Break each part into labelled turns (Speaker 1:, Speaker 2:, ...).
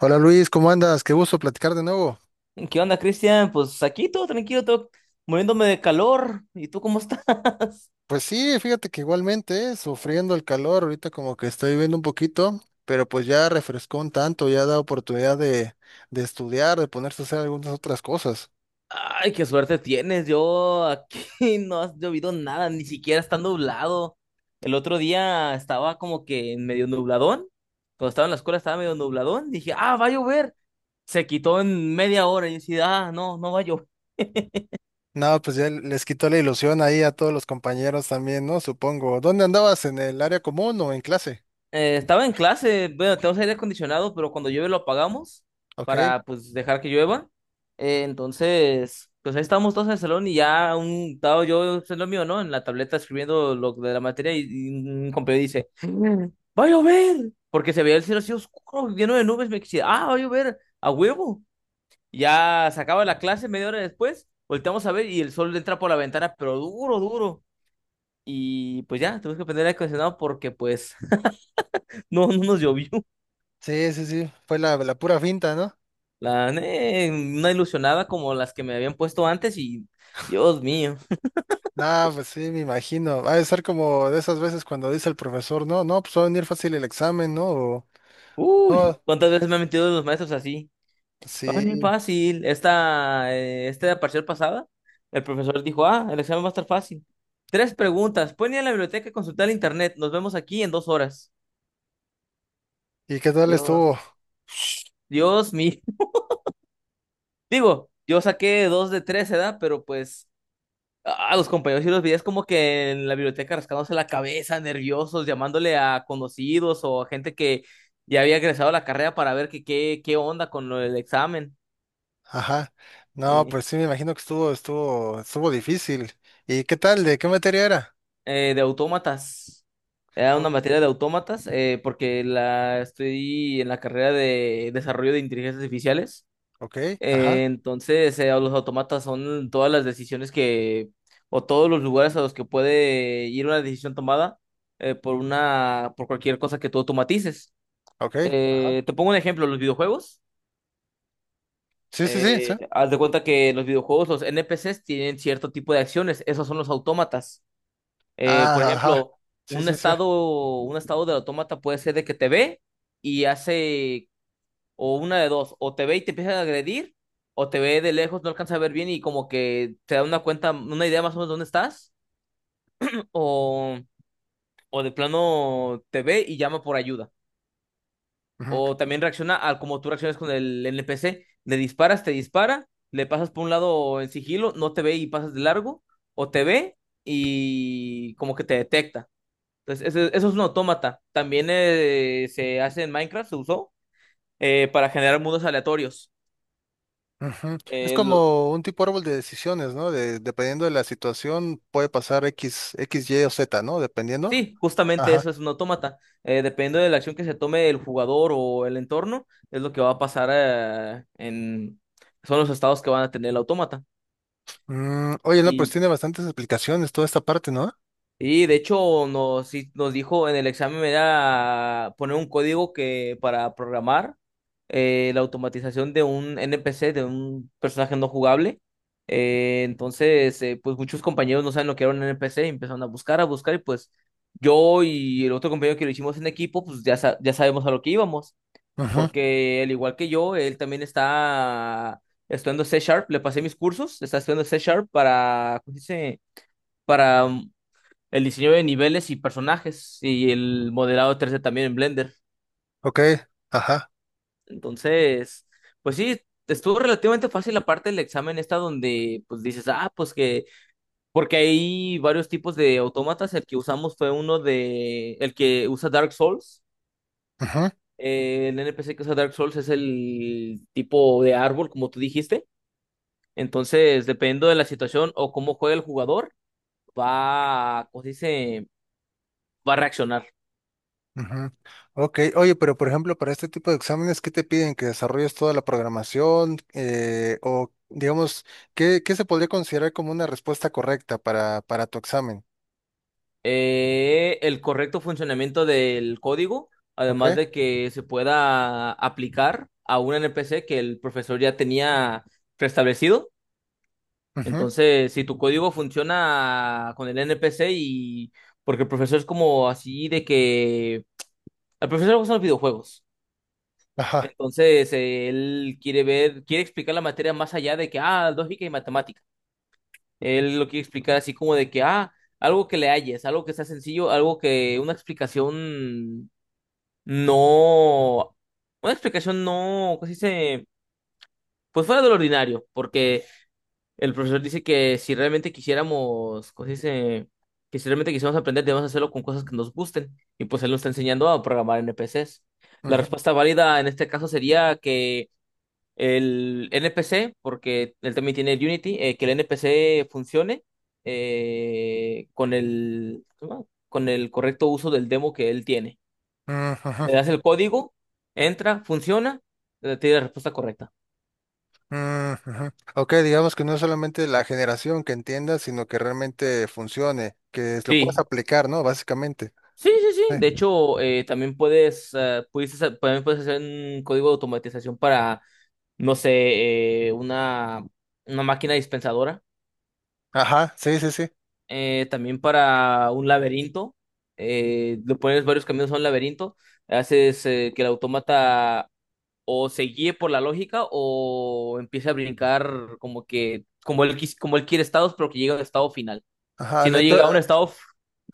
Speaker 1: Hola Luis, ¿cómo andas? Qué gusto platicar de nuevo.
Speaker 2: ¿Qué onda, Cristian? Pues aquí todo tranquilo, todo muriéndome de calor. ¿Y tú cómo estás?
Speaker 1: Pues sí, fíjate que igualmente, sufriendo el calor, ahorita como que estoy viviendo un poquito, pero pues ya refrescó un tanto, ya da oportunidad de estudiar, de ponerse a hacer algunas otras cosas.
Speaker 2: Ay, qué suerte tienes. Yo aquí no has llovido nada, ni siquiera está nublado. El otro día estaba como que medio nubladón. Cuando estaba en la escuela estaba medio nubladón. Dije, ah, va a llover. Se quitó en media hora. Y yo decía, ah, no, no va a llover.
Speaker 1: No, pues ya les quitó la ilusión ahí a todos los compañeros también, ¿no? Supongo. ¿Dónde andabas? ¿En el área común o en clase?
Speaker 2: Estaba en clase, bueno, tenemos aire acondicionado, pero cuando llueve lo apagamos
Speaker 1: Ok.
Speaker 2: para pues dejar que llueva. Entonces, pues ahí estábamos todos en el salón y ya un estaba yo en lo mío, ¿no? En la tableta escribiendo lo de la materia y un compañero dice, ¡va a llover! Porque se veía el cielo así oscuro, lleno de nubes, me decía, ¡ah, va a llover! ¡A huevo! Ya se acaba la clase media hora después, volteamos a ver y el sol entra por la ventana, pero duro, duro. Y pues ya, tuvimos que prender el aire acondicionado porque pues no, no nos llovió.
Speaker 1: Sí, sí, sí, fue la pura finta, ¿no?
Speaker 2: La gané en una ilusionada como las que me habían puesto antes y Dios mío.
Speaker 1: Nah, pues sí, me imagino. Va a ser como de esas veces cuando dice el profesor, no, no, pues va a venir fácil el examen, ¿no? O,
Speaker 2: Uy,
Speaker 1: no.
Speaker 2: ¿cuántas veces me han metido los maestros así? Ah, bien
Speaker 1: Sí,
Speaker 2: fácil. Esta parcial pasada, el profesor dijo, ah, el examen va a estar fácil. Tres preguntas. Pueden ir a la biblioteca a consultar el internet. Nos vemos aquí en 2 horas.
Speaker 1: ¿y qué tal estuvo?
Speaker 2: Dios, Dios mío. Digo, yo saqué 2 de 3, ¿verdad? Pero pues a los compañeros y los veías como que en la biblioteca rascándose la cabeza, nerviosos, llamándole a conocidos o a gente que ya había egresado a la carrera para ver que, qué onda con lo del examen.
Speaker 1: Ajá. No,
Speaker 2: eh,
Speaker 1: pues sí me imagino que estuvo difícil. ¿Y qué tal? ¿De qué materia era?
Speaker 2: de autómatas. Era una
Speaker 1: O-
Speaker 2: materia de autómatas, porque la estoy en la carrera de desarrollo de inteligencias artificiales.
Speaker 1: Ok, ajá,
Speaker 2: Entonces, los automatas son todas las decisiones que, o todos los lugares a los que puede ir una decisión tomada, por por cualquier cosa que tú automatices.
Speaker 1: ok, ajá.
Speaker 2: Te pongo un ejemplo, los videojuegos.
Speaker 1: Sí, sí, sí, sí.
Speaker 2: Haz de cuenta que los videojuegos, los NPCs tienen cierto tipo de acciones, esos son los autómatas. Por
Speaker 1: Ah, ajá.
Speaker 2: ejemplo,
Speaker 1: Sí,
Speaker 2: un
Speaker 1: sí, sí.
Speaker 2: estado, un estado del autómata puede ser de que te ve y hace. O una de dos, o te ve y te empieza a agredir, o te ve de lejos, no alcanza a ver bien y como que te da una cuenta, una idea más o menos de dónde estás, o, o de plano te ve y llama por ayuda.
Speaker 1: Ujú,
Speaker 2: O también reacciona al como tú reaccionas con el NPC, le disparas, te dispara, le pasas por un lado en sigilo, no te ve y pasas de largo, o te ve y como que te detecta. Entonces, eso es un autómata. También se hace en Minecraft, se usó para generar mundos aleatorios.
Speaker 1: ujú. Es
Speaker 2: Eh,
Speaker 1: como un tipo árbol de decisiones, ¿no? De, dependiendo de la situación, puede pasar X, Y o Z, ¿no? Dependiendo.
Speaker 2: Sí, justamente
Speaker 1: Ajá.
Speaker 2: eso es un autómata. Dependiendo de la acción que se tome el jugador o el entorno, es lo que va a pasar en... Son los estados que van a tener el autómata.
Speaker 1: Mm, oye, no, pues
Speaker 2: Y
Speaker 1: tiene bastantes explicaciones toda esta parte, ¿no?
Speaker 2: Y de hecho sí nos dijo en el examen me da poner un código que para programar, la automatización de un NPC, de un personaje no jugable. Entonces, pues muchos compañeros no saben lo que era un NPC y empezaron a buscar y pues yo y el otro compañero que lo hicimos en equipo, pues ya, ya sabemos a lo que íbamos,
Speaker 1: Ajá.
Speaker 2: porque al igual que yo, él también está estudiando C Sharp, le pasé mis cursos, está estudiando C Sharp para, ¿cómo se dice? Para el diseño de niveles y personajes y el modelado 3D también en Blender.
Speaker 1: Ok, ajá.
Speaker 2: Entonces, pues sí, estuvo relativamente fácil la parte del examen esta donde pues dices, ah, pues que, porque hay varios tipos de autómatas, el que usamos fue uno de, el que usa Dark Souls.
Speaker 1: Ujú.
Speaker 2: El NPC que usa Dark Souls es el tipo de árbol, como tú dijiste. Entonces, dependiendo de la situación o cómo juega el jugador, va, ¿cómo se dice? Va a reaccionar.
Speaker 1: Ujú. Ok, oye, pero por ejemplo, para este tipo de exámenes, ¿qué te piden? ¿Que desarrolles toda la programación? O digamos, ¿qué, qué se podría considerar como una respuesta correcta para tu examen?
Speaker 2: El correcto funcionamiento del código,
Speaker 1: ¿Ok?
Speaker 2: además de que se pueda aplicar a un NPC que el profesor ya tenía preestablecido.
Speaker 1: Ujú.
Speaker 2: Entonces, si tu código funciona con el NPC y porque el profesor es como así de que al profesor le gustan los videojuegos.
Speaker 1: Ajá.
Speaker 2: Entonces, él quiere ver, quiere explicar la materia más allá de que, ah, lógica y matemática. Él lo quiere explicar así como de que, ah, algo que le halles, algo que sea sencillo, algo que no, una explicación no, casi se, pues fuera de lo ordinario, porque el profesor dice que si realmente quisiéramos, casi se, que si realmente quisiéramos aprender, debemos hacerlo con cosas que nos gusten, y pues él nos está enseñando a programar NPCs. La
Speaker 1: Ujú.
Speaker 2: respuesta válida en este caso sería que el NPC, porque él también tiene el Unity, que el NPC funcione con el, ¿cómo se llama? Con el correcto uso del demo que él tiene.
Speaker 1: Ujú.
Speaker 2: Le das el código, entra, funciona, te da la respuesta correcta.
Speaker 1: Ujú. Ujú. Ok, digamos que no es solamente la generación que entiendas, sino que realmente funcione, que lo puedas
Speaker 2: Sí,
Speaker 1: aplicar, ¿no? Básicamente.
Speaker 2: sí, sí, sí.
Speaker 1: Sí.
Speaker 2: De hecho, también puedes, también puedes hacer un código de automatización para, no sé, una máquina dispensadora,
Speaker 1: Ajá, sí, sí, sí.
Speaker 2: también para un laberinto. Le pones varios caminos a un laberinto, haces que el autómata o se guíe por la lógica o empiece a brincar como que, como él, como él quiere estados, pero que llegue a un estado final.
Speaker 1: Ajá,
Speaker 2: Si no
Speaker 1: aleato-
Speaker 2: llega a un estado.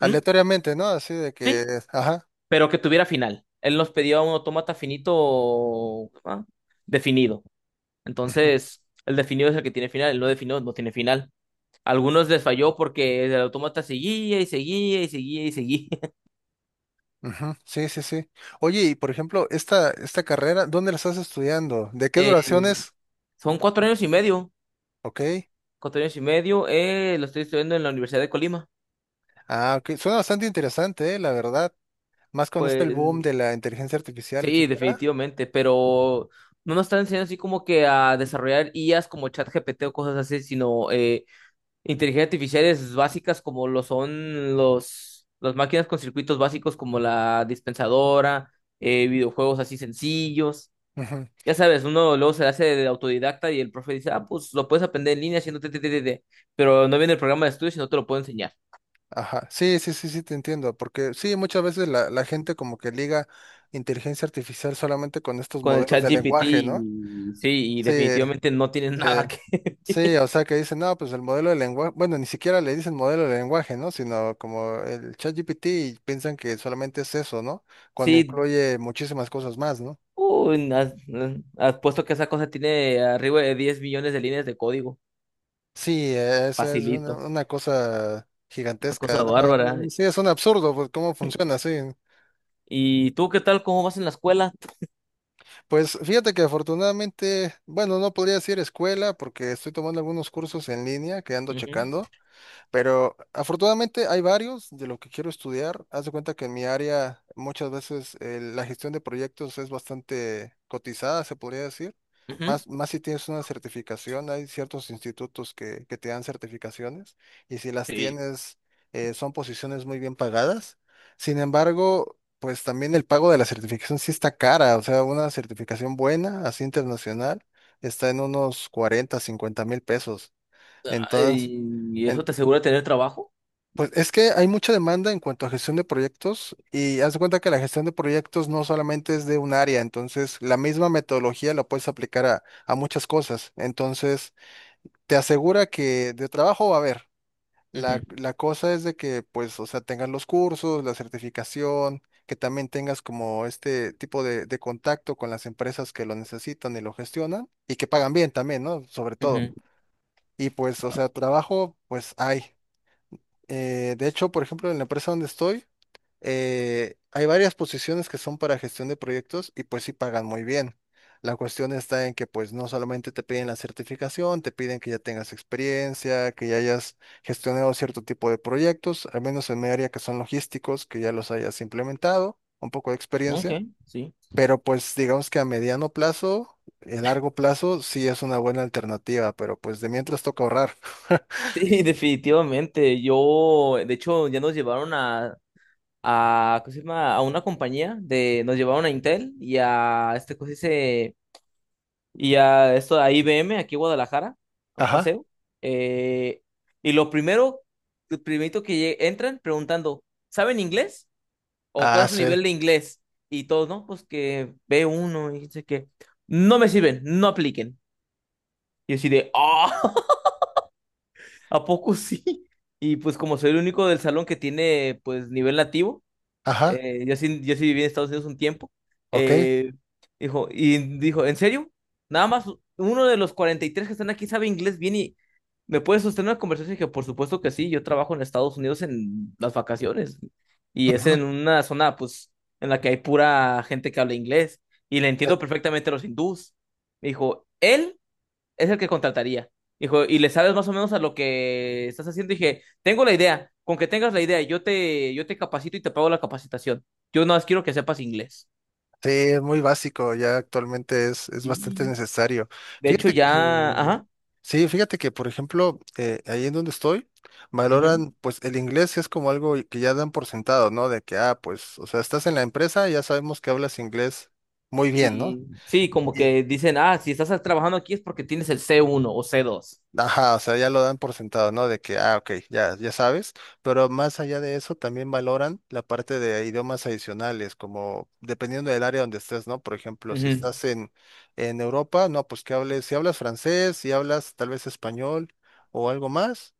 Speaker 2: ¿Mm?
Speaker 1: ¿no? Así de que,
Speaker 2: Sí,
Speaker 1: ajá.
Speaker 2: pero que tuviera final. Él nos pedía un autómata finito, ah, definido. Entonces, el definido es el que tiene final, el no definido no tiene final. Algunos les falló porque el autómata seguía y seguía y seguía y seguía.
Speaker 1: Ujú, sí, sí, sí. Oye, y por ejemplo, esta carrera, ¿dónde la estás estudiando? ¿De qué
Speaker 2: Eh,
Speaker 1: duración es?
Speaker 2: Son 4 años y medio.
Speaker 1: Ok.
Speaker 2: 4 años y medio. Lo estoy estudiando en la Universidad de Colima.
Speaker 1: Ah, ok. Suena bastante interesante, la verdad. Más con este el
Speaker 2: Pues
Speaker 1: boom de la inteligencia artificial,
Speaker 2: sí,
Speaker 1: etcétera.
Speaker 2: definitivamente. Pero no nos están enseñando así como que a desarrollar IAs como ChatGPT o cosas así, sino inteligencia artificiales básicas como lo son los, las máquinas con circuitos básicos como la dispensadora, videojuegos así sencillos.
Speaker 1: Ujú,
Speaker 2: Ya sabes, uno luego se hace de autodidacta y el profe dice, ah, pues lo puedes aprender en línea haciendo te, te, te, te, te". Pero no viene el programa de estudios y no te lo puedo enseñar.
Speaker 1: ajá. Sí, sí, sí, sí, te entiendo. Porque sí, muchas veces la gente como que liga inteligencia artificial solamente con estos
Speaker 2: Con el
Speaker 1: modelos
Speaker 2: chat
Speaker 1: de
Speaker 2: GPT,
Speaker 1: lenguaje, ¿no?
Speaker 2: y- sí, y
Speaker 1: Sí,
Speaker 2: definitivamente no tiene
Speaker 1: sí.
Speaker 2: nada que...
Speaker 1: Sí, o sea que dicen, no, pues el modelo de lenguaje, bueno, ni siquiera le dicen modelo de lenguaje, ¿no? Sino como el ChatGPT y piensan que solamente es eso, ¿no? Cuando
Speaker 2: Sí,
Speaker 1: incluye muchísimas cosas más, ¿no?
Speaker 2: uy, has puesto que esa cosa tiene arriba de 10 millones de líneas de código.
Speaker 1: Sí, eso es
Speaker 2: Facilito,
Speaker 1: una cosa
Speaker 2: una
Speaker 1: gigantesca,
Speaker 2: cosa
Speaker 1: ¿no?
Speaker 2: bárbara.
Speaker 1: Sí, es un absurdo, pues, cómo funciona, sí.
Speaker 2: ¿Y tú qué tal? ¿Cómo vas en la escuela?
Speaker 1: Pues fíjate que afortunadamente, bueno, no podría decir escuela porque estoy tomando algunos cursos en línea que ando
Speaker 2: Ujú,
Speaker 1: checando. Pero afortunadamente hay varios de lo que quiero estudiar. Haz de cuenta que en mi área muchas veces la gestión de proyectos es bastante cotizada, se podría decir.
Speaker 2: ujú.
Speaker 1: Más, más si tienes una certificación, hay ciertos institutos que te dan certificaciones y si las
Speaker 2: Sí.
Speaker 1: tienes son posiciones muy bien pagadas. Sin embargo, pues también el pago de la certificación sí está cara, o sea, una certificación buena, así internacional, está en unos 40 000 o 50 000 pesos. Entonces...
Speaker 2: Ay, ¿y eso
Speaker 1: En-
Speaker 2: te asegura tener trabajo?
Speaker 1: pues es que hay mucha demanda en cuanto a gestión de proyectos y haz de cuenta que la gestión de proyectos no solamente es de un área, entonces la misma metodología la puedes aplicar a muchas cosas. Entonces te asegura que de trabajo va a haber.
Speaker 2: Ujú,
Speaker 1: La cosa es de que pues, o sea, tengas los cursos, la certificación, que también tengas como este tipo de contacto con las empresas que lo necesitan y lo gestionan y que pagan bien también, ¿no? Sobre todo.
Speaker 2: ujú.
Speaker 1: Y pues, o sea, trabajo pues hay. De hecho, por ejemplo, en la empresa donde estoy, hay varias posiciones que son para gestión de proyectos y pues sí pagan muy bien. La cuestión está en que pues no solamente te piden la certificación, te piden que ya tengas experiencia, que ya hayas gestionado cierto tipo de proyectos, al menos en mi área que son logísticos, que ya los hayas implementado, un poco de
Speaker 2: Ok,
Speaker 1: experiencia,
Speaker 2: sí.
Speaker 1: pero pues digamos que a mediano plazo, a largo plazo sí es una buena alternativa, pero pues de mientras toca ahorrar.
Speaker 2: Sí, definitivamente. Yo, de hecho, ya nos llevaron a, ¿cómo se llama? A una compañía de, nos llevaron a Intel y a este, ¿cómo se dice? Y a esto, a IBM aquí en Guadalajara, a un
Speaker 1: Ajá.
Speaker 2: paseo. Eh, y lo primero, lo primerito que entran preguntando, ¿saben inglés? O cuál
Speaker 1: Ah,
Speaker 2: es su
Speaker 1: sí.
Speaker 2: nivel de inglés. Y todos, no, pues que C1 y dice que no me sirven, no apliquen. Y así de, ah, ¿a poco sí? Y pues como soy el único del salón que tiene pues nivel nativo,
Speaker 1: Ajá.
Speaker 2: yo sí viví en Estados Unidos un tiempo.
Speaker 1: Ok.
Speaker 2: Eh, dijo, ¿en serio? Nada más uno de los 43 que están aquí sabe inglés bien y me puede sostener una conversación. Y dije, por supuesto que sí, yo trabajo en Estados Unidos en las vacaciones y es
Speaker 1: Ujú.
Speaker 2: en una zona, pues, en la que hay pura gente que habla inglés y le entiendo perfectamente a los hindús. Me dijo, él es el que contrataría. Dijo, y le sabes más o menos a lo que estás haciendo. Dije, tengo la idea, con que tengas la idea, yo te capacito y te pago la capacitación. Yo nada más quiero que sepas inglés.
Speaker 1: Sí, es muy básico, ya actualmente es bastante
Speaker 2: Sí.
Speaker 1: necesario.
Speaker 2: De hecho,
Speaker 1: Fíjate
Speaker 2: ya,
Speaker 1: que,
Speaker 2: ajá.
Speaker 1: sí, fíjate que, por ejemplo, ahí en donde estoy,
Speaker 2: Ujú.
Speaker 1: valoran, pues el inglés es como algo que ya dan por sentado, ¿no? De que, ah, pues, o sea, estás en la empresa, ya sabemos que hablas inglés muy bien, ¿no?
Speaker 2: Y sí, como que dicen, ah, si estás trabajando aquí es porque tienes el C1 o C2.
Speaker 1: Ajá, o sea, ya lo dan por sentado, ¿no? De que, ah, ok, ya, ya sabes, pero más allá de eso también valoran la parte de idiomas adicionales, como dependiendo del área donde estés, ¿no? Por ejemplo, si
Speaker 2: Ujú,
Speaker 1: estás en Europa, no, pues que hables, si hablas francés, si hablas tal vez español o algo más,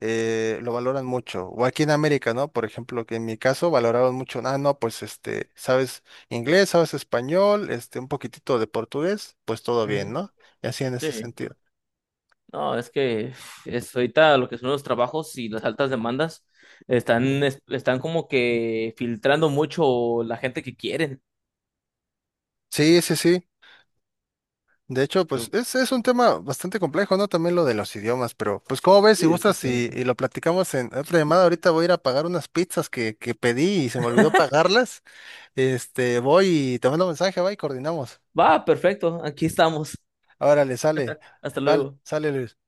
Speaker 1: lo valoran mucho. O aquí en América, ¿no? Por ejemplo, que en mi caso valoraron mucho, ah, no, pues este, sabes inglés, sabes español, este, un poquitito de portugués, pues todo bien,
Speaker 2: ujú.
Speaker 1: ¿no? Y así en ese
Speaker 2: Sí.
Speaker 1: sentido.
Speaker 2: No, es que es ahorita lo que son los trabajos y las altas demandas están, están como que filtrando mucho la gente que quieren.
Speaker 1: Sí, sí, sí. De hecho, pues es un tema bastante complejo, ¿no? También lo de los idiomas, pero pues como ves, si
Speaker 2: Sí,
Speaker 1: gustas
Speaker 2: definitivamente.
Speaker 1: y lo platicamos en otra llamada, ahorita voy a ir a pagar unas pizzas que pedí y se me olvidó pagarlas. Este, voy y te mando mensaje, va y coordinamos.
Speaker 2: Va, perfecto. Aquí estamos.
Speaker 1: Ahora le sale.
Speaker 2: Hasta
Speaker 1: Vale,
Speaker 2: luego.
Speaker 1: sale Luis.